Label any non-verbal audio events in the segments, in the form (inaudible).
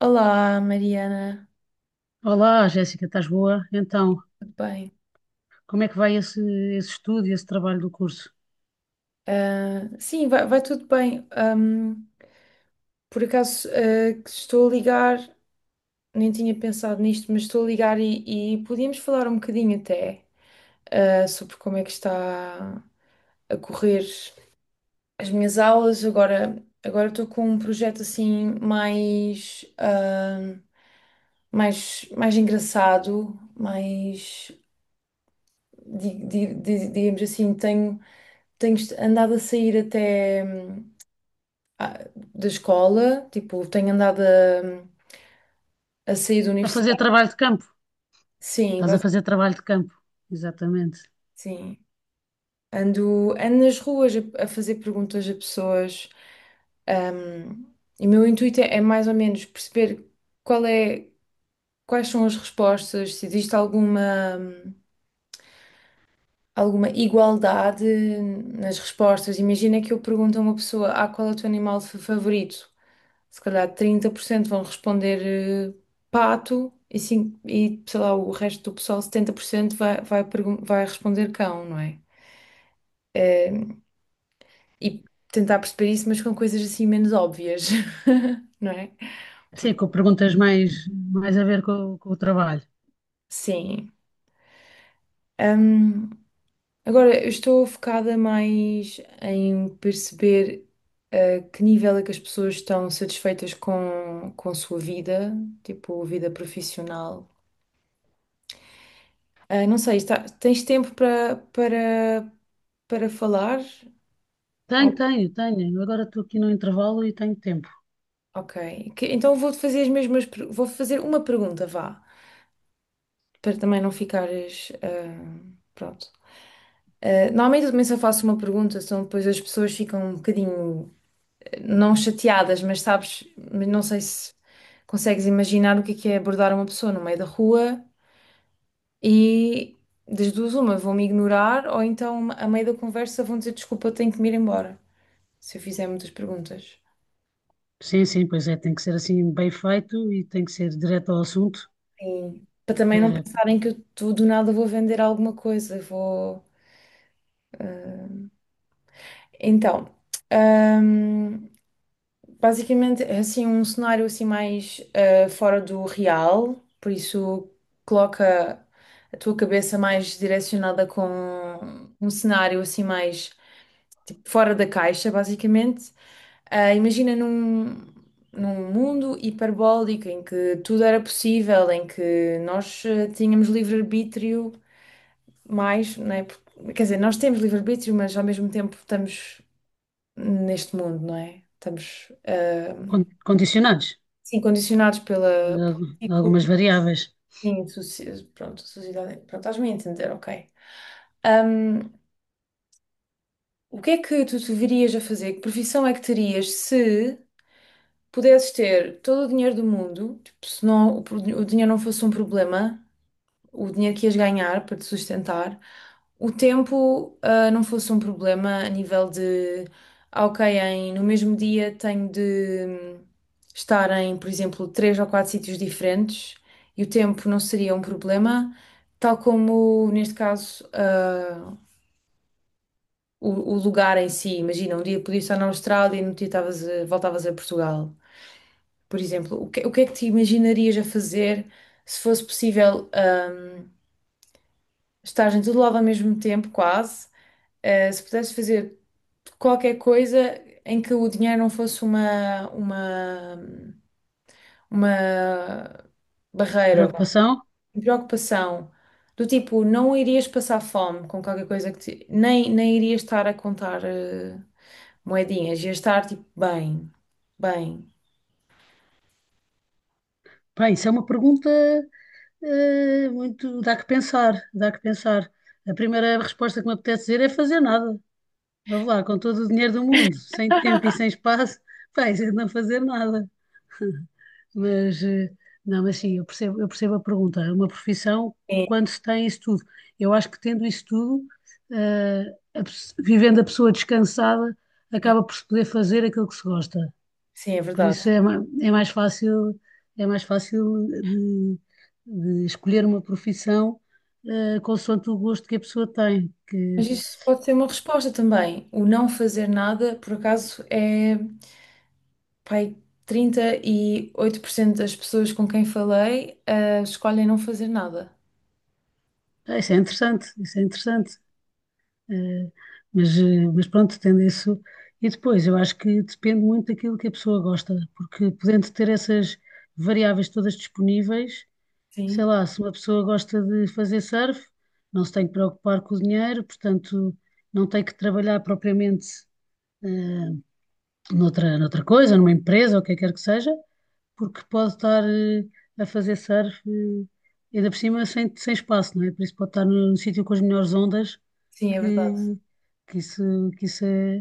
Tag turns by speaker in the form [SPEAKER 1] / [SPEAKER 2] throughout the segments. [SPEAKER 1] Olá, Mariana,
[SPEAKER 2] Olá, Jéssica, estás boa? Então,
[SPEAKER 1] tudo bem?
[SPEAKER 2] como é que vai esse estudo e esse trabalho do curso?
[SPEAKER 1] Ah, sim, vai tudo bem. Por acaso, que estou a ligar, nem tinha pensado nisto, mas estou a ligar e podíamos falar um bocadinho até, sobre como é que está a correr as minhas aulas. Agora estou com um projeto assim mais, mais engraçado, mais, digamos assim, tenho andado a sair até ah, da escola, tipo, tenho andado hum, a sair da
[SPEAKER 2] A fazer
[SPEAKER 1] universidade.
[SPEAKER 2] trabalho de campo?
[SPEAKER 1] Sim,
[SPEAKER 2] Estás
[SPEAKER 1] bas-
[SPEAKER 2] a fazer trabalho de campo, exatamente.
[SPEAKER 1] sim. Ando nas ruas a fazer perguntas a pessoas. hum, e o meu intuito é mais ou menos perceber qual é, quais são as respostas, se existe alguma igualdade nas respostas. Imagina que eu pergunto a uma pessoa, qual é o teu animal favorito? Se calhar 30% vão responder pato e sei lá, o resto do pessoal, 70% vai responder cão, não é? Eh, e tentar perceber isso, mas com coisas assim menos óbvias, (laughs) não é?
[SPEAKER 2] Sim,
[SPEAKER 1] Porque,
[SPEAKER 2] com perguntas mais a ver com o trabalho.
[SPEAKER 1] sim. Ahm, Agora, eu estou focada mais em perceber a que nível é que as pessoas estão satisfeitas com a sua vida, tipo, vida profissional. Ah, não sei, tens tempo para para falar?
[SPEAKER 2] Tenho,
[SPEAKER 1] Oh,
[SPEAKER 2] tenho, tenho. Eu agora estou aqui no intervalo e tenho tempo.
[SPEAKER 1] ok. Então vou-te fazer as vou fazer uma pergunta, vá, para também não ficares, pronto. Ah, normalmente eu também só faço uma pergunta, senão depois as pessoas ficam um bocadinho, não chateadas, mas sabes, mas não sei se consegues imaginar o que é abordar uma pessoa no meio da rua e das duas uma, vão-me ignorar ou então a meio da conversa vão dizer desculpa, eu tenho que me ir embora. Se eu fizer muitas perguntas.
[SPEAKER 2] Sim, sim, pois é, tem que ser assim bem feito e tem que ser direto ao assunto,
[SPEAKER 1] Sim. Para também não
[SPEAKER 2] para-
[SPEAKER 1] pensarem que eu do nada vou vender alguma coisa, vou. eh, Então, ahm, basicamente é assim um cenário assim mais fora do real, por isso coloca a tua cabeça mais direcionada com um cenário assim mais tipo, fora da caixa, basicamente. Ah, imagina num mundo hiperbólico em que tudo era possível, em que nós tínhamos livre-arbítrio mais, não é? Quer dizer, nós temos livre-arbítrio, mas ao mesmo tempo estamos neste mundo, não é? Estamos,
[SPEAKER 2] condicionados,
[SPEAKER 1] sim, condicionados pela
[SPEAKER 2] de al- de
[SPEAKER 1] político,
[SPEAKER 2] algumas variáveis.
[SPEAKER 1] sim, pronto, sociedade, pronto, estás-me a entender, ok. Ahm, o que é que tu te verias a fazer? Que profissão é que terias se pudesses ter todo o dinheiro do mundo, tipo, se não, o dinheiro não fosse um problema, o dinheiro que ias ganhar para te sustentar, o tempo, não fosse um problema a nível de, ok, em, no mesmo dia tenho de hum, estar em, por exemplo, três ou quatro sítios diferentes e o tempo não seria um problema, tal como, neste caso, o, o lugar em si. Imagina, um dia podias estar na Austrália e no outro dia voltavas a Portugal. Por exemplo, o que é que te imaginarias a fazer se fosse possível, estar em todo lado ao mesmo tempo, quase? Se pudesses fazer qualquer coisa em que o dinheiro não fosse uma barreira,
[SPEAKER 2] Preocupação?
[SPEAKER 1] uma preocupação, do tipo, não irias passar fome com qualquer coisa que te, nem irias estar a contar, moedinhas, ias estar tipo, bem, bem.
[SPEAKER 2] Pá, isso é uma pergunta muito. Dá que pensar, dá que pensar. A primeira resposta que me apetece dizer é fazer nada. Vamos lá, com todo o dinheiro do mundo, sem tempo e sem espaço, (laughs) pá, isso é não fazer nada. Mas, eh, não, mas sim, eu percebo a pergunta. É uma profissão,
[SPEAKER 1] Sim,
[SPEAKER 2] quando se tem isso tudo. Eu acho que tendo isso tudo, eh, vivendo a pessoa descansada,
[SPEAKER 1] sim,
[SPEAKER 2] acaba por se poder fazer aquilo que se gosta.
[SPEAKER 1] sim, é
[SPEAKER 2] Por
[SPEAKER 1] verdade.
[SPEAKER 2] isso é mais fácil de escolher uma profissão consoante o gosto que a pessoa tem. Que,
[SPEAKER 1] Mas isso pode ser uma resposta também. O não fazer nada, por acaso, é, pai, 38% das pessoas com quem falei, escolhem não fazer nada.
[SPEAKER 2] ah, isso é interessante, isso é interessante. Eh, mas pronto, tendo isso. E depois, eu acho que depende muito daquilo que a pessoa gosta, porque podendo ter essas variáveis todas disponíveis, sei
[SPEAKER 1] Sim,
[SPEAKER 2] lá, se uma pessoa gosta de fazer surf, não se tem que preocupar com o dinheiro, portanto, não tem que trabalhar propriamente. eh, Noutra coisa, numa empresa, ou o que quer que seja, porque pode estar a fazer surf, ainda por cima, sem espaço, não é? Por isso pode estar num sítio com as melhores ondas,
[SPEAKER 1] sim, é verdade.
[SPEAKER 2] que, que isso, que isso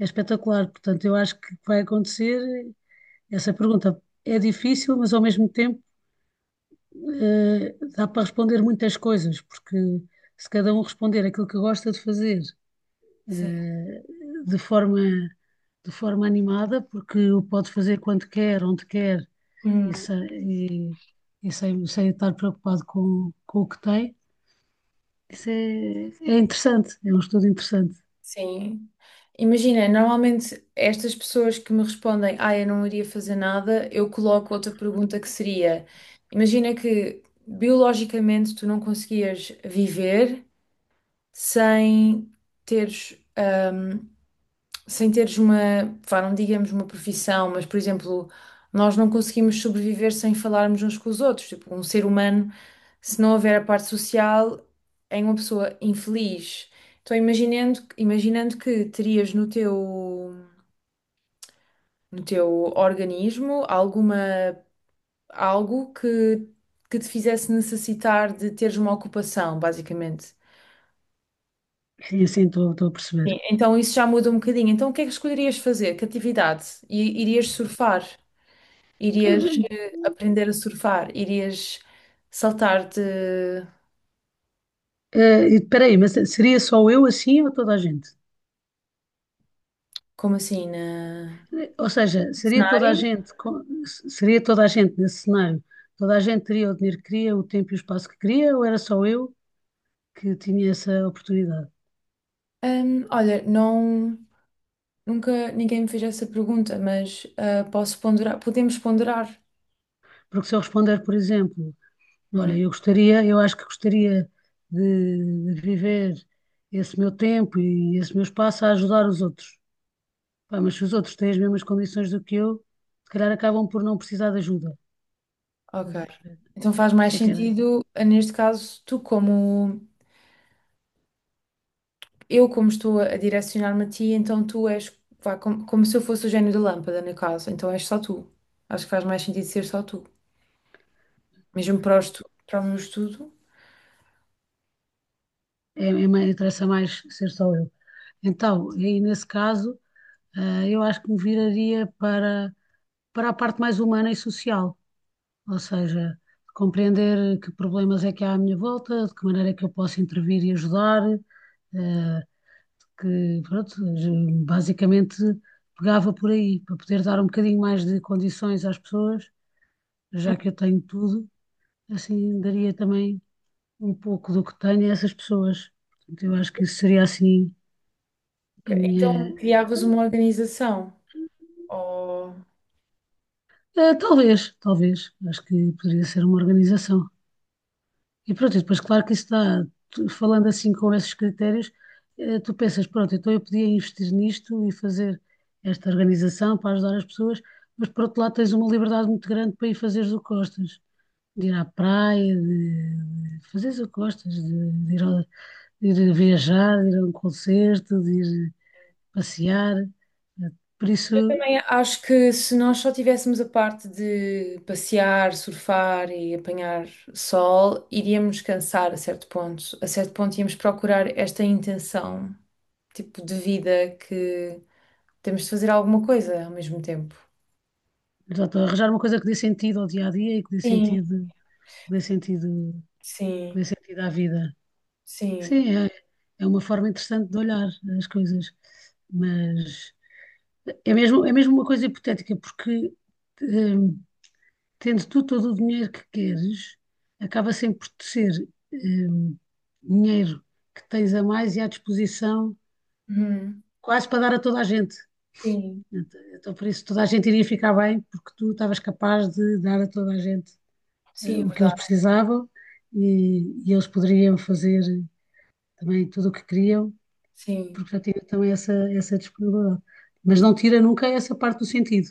[SPEAKER 2] é espetacular. Portanto, eu acho que vai acontecer essa pergunta. É difícil, mas ao mesmo tempo dá para responder muitas coisas, porque se cada um responder aquilo que gosta de fazer
[SPEAKER 1] Sim.
[SPEAKER 2] eh, de forma, de forma animada, porque o pode fazer quando quer, onde quer e,
[SPEAKER 1] Hum,
[SPEAKER 2] sem, e, e sem estar preocupado com o que tem. Isso é interessante, é um estudo interessante.
[SPEAKER 1] sim. Imagina, normalmente estas pessoas que me respondem, eu não iria fazer nada, eu coloco outra pergunta que seria: imagina que biologicamente tu não conseguias viver sem teres. hum, teres uma, pá, não digamos uma profissão, mas por exemplo, nós não conseguimos sobreviver sem falarmos uns com os outros. Tipo, um ser humano, se não houver a parte social, é uma pessoa infeliz. Então, imaginando que terias no teu organismo alguma, algo que te fizesse necessitar de teres uma ocupação, basicamente.
[SPEAKER 2] Sim, sim, estou a perceber.
[SPEAKER 1] Sim, então isso já muda um bocadinho. Então o que é que escolherias fazer? Que atividade? E irias surfar? Irias
[SPEAKER 2] Eh,
[SPEAKER 1] aprender a surfar, irias saltar de,
[SPEAKER 2] Espera aí, mas seria só eu assim ou toda a gente?
[SPEAKER 1] como assim, na...
[SPEAKER 2] Ou seja, seria toda a
[SPEAKER 1] cenário?
[SPEAKER 2] gente, seria toda a gente nesse cenário, toda a gente teria o dinheiro que queria, o tempo e o espaço que queria, ou era só eu que tinha essa oportunidade?
[SPEAKER 1] Olha, não, nunca ninguém me fez essa pergunta, mas posso ponderar, podemos ponderar.
[SPEAKER 2] Porque se eu responder, por exemplo,
[SPEAKER 1] Uhum,
[SPEAKER 2] olha, eu gostaria, eu acho que gostaria de viver esse meu tempo e esse meu espaço a ajudar os outros. Pá, mas se os outros têm as mesmas condições do que eu, se calhar acabam por não precisar de ajuda.
[SPEAKER 1] ok.
[SPEAKER 2] Estás a perceber?
[SPEAKER 1] Então faz
[SPEAKER 2] Por
[SPEAKER 1] mais sentido, neste caso, tu como, eu como estou a direcionar-me a ti, então tu és, vá, como se eu fosse o gênio da lâmpada, no caso, então és só tu. Acho que faz mais sentido ser só tu. Mesmo para o para o meu estudo,
[SPEAKER 2] é, interessa mais ser só eu. Então, aí nesse caso, eu acho que me viraria para a parte mais humana e social. Ou seja, compreender que problemas é que há à minha volta, de que maneira é que eu posso intervir e ajudar, eh, pronto, basicamente pegava por aí, para poder dar um bocadinho mais de condições às pessoas, já que eu tenho tudo, assim daria também um pouco do que tenho a essas pessoas. Portanto, eu acho que isso seria assim
[SPEAKER 1] ok,
[SPEAKER 2] a minha.
[SPEAKER 1] então criavas uma organização. Ou-
[SPEAKER 2] Talvez, talvez. Acho que poderia ser uma organização. E pronto, e depois, claro que isso dá, falando assim com esses critérios, tu pensas, pronto, então eu podia investir nisto e fazer esta organização para ajudar as pessoas, mas por outro lado tens uma liberdade muito grande para ir fazeres o que gostas, de ir à praia, de fazeres o que gostas, de ir viajar, de ir a um concerto, de ir passear. Eh, Por isso,
[SPEAKER 1] Eu também acho que se nós só tivéssemos a parte de passear, surfar e apanhar sol, iríamos cansar a certo ponto. A certo ponto íamos procurar esta intenção, tipo de vida que temos de fazer alguma coisa ao mesmo tempo.
[SPEAKER 2] portanto, arranjar uma coisa que dê sentido ao dia a dia e que dê
[SPEAKER 1] Sim,
[SPEAKER 2] que dê sentido, que
[SPEAKER 1] sim,
[SPEAKER 2] dê sentido à vida.
[SPEAKER 1] sim.
[SPEAKER 2] Sim, é uma forma interessante de olhar as coisas, mas é mesmo uma coisa hipotética, porque hum, tendo tu todo o dinheiro que queres, acaba sempre por te ser hum, dinheiro que tens a mais e à disposição
[SPEAKER 1] Uhum,
[SPEAKER 2] quase para dar a toda a gente.
[SPEAKER 1] sim,
[SPEAKER 2] Então, por isso, toda a gente iria ficar bem, porque tu estavas capaz de dar a toda a gente
[SPEAKER 1] sim, é
[SPEAKER 2] o que eles
[SPEAKER 1] verdade.
[SPEAKER 2] precisavam e, e eles poderiam fazer também tudo o que queriam
[SPEAKER 1] Sim.
[SPEAKER 2] porque já tive também essa disponibilidade. Mas não tira nunca essa parte do sentido,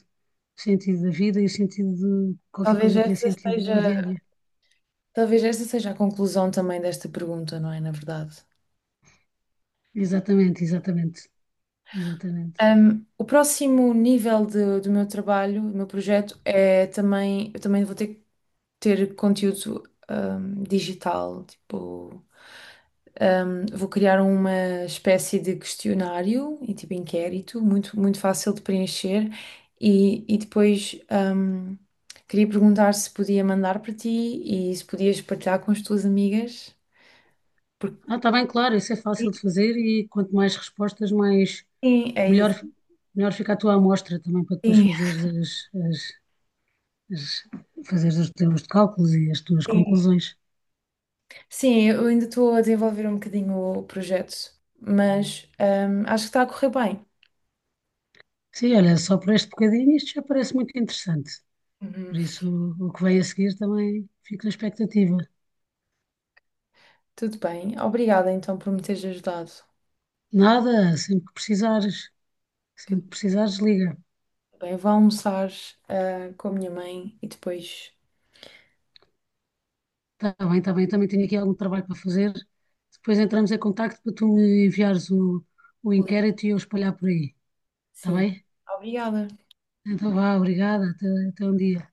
[SPEAKER 2] o sentido da vida e o sentido de qualquer
[SPEAKER 1] Talvez
[SPEAKER 2] coisa que dê
[SPEAKER 1] esta
[SPEAKER 2] sentido ao
[SPEAKER 1] seja,
[SPEAKER 2] dia a dia.
[SPEAKER 1] talvez esta seja a conclusão também desta pergunta, não é? Na verdade.
[SPEAKER 2] Exatamente, exatamente, exatamente.
[SPEAKER 1] O próximo nível do meu trabalho, do meu projeto, é também, eu também vou ter que ter conteúdo digital, tipo, vou criar uma espécie de questionário e tipo inquérito, muito, muito fácil de preencher, e depois queria perguntar se podia mandar para ti e se podias partilhar com as tuas amigas. Porque
[SPEAKER 2] Ah, está bem, claro, isso é fácil de fazer e quanto mais respostas, mais
[SPEAKER 1] sim, é
[SPEAKER 2] melhor,
[SPEAKER 1] isso.
[SPEAKER 2] melhor fica a tua amostra também para depois
[SPEAKER 1] Sim,
[SPEAKER 2] fazeres as- fazeres os teus cálculos e as tuas
[SPEAKER 1] sim.
[SPEAKER 2] conclusões.
[SPEAKER 1] Sim, eu ainda estou a desenvolver um bocadinho o projeto, mas acho que está a correr bem.
[SPEAKER 2] Sim, olha, só por este bocadinho isto já parece muito interessante.
[SPEAKER 1] Uhum.
[SPEAKER 2] Por isso, o que vem a seguir também fico na expectativa.
[SPEAKER 1] Tudo bem. Obrigada então por me teres ajudado.
[SPEAKER 2] Nada, sempre
[SPEAKER 1] Tudo
[SPEAKER 2] que precisares, liga.
[SPEAKER 1] bem. Vou almoçar com a minha mãe e depois
[SPEAKER 2] Está bem, também tenho aqui algum trabalho para fazer. Depois entramos em contacto para tu me enviares o
[SPEAKER 1] ligo.
[SPEAKER 2] inquérito e eu espalhar por aí. Está
[SPEAKER 1] Sim.
[SPEAKER 2] bem?
[SPEAKER 1] Obrigada.
[SPEAKER 2] Então vá, obrigada, até um dia.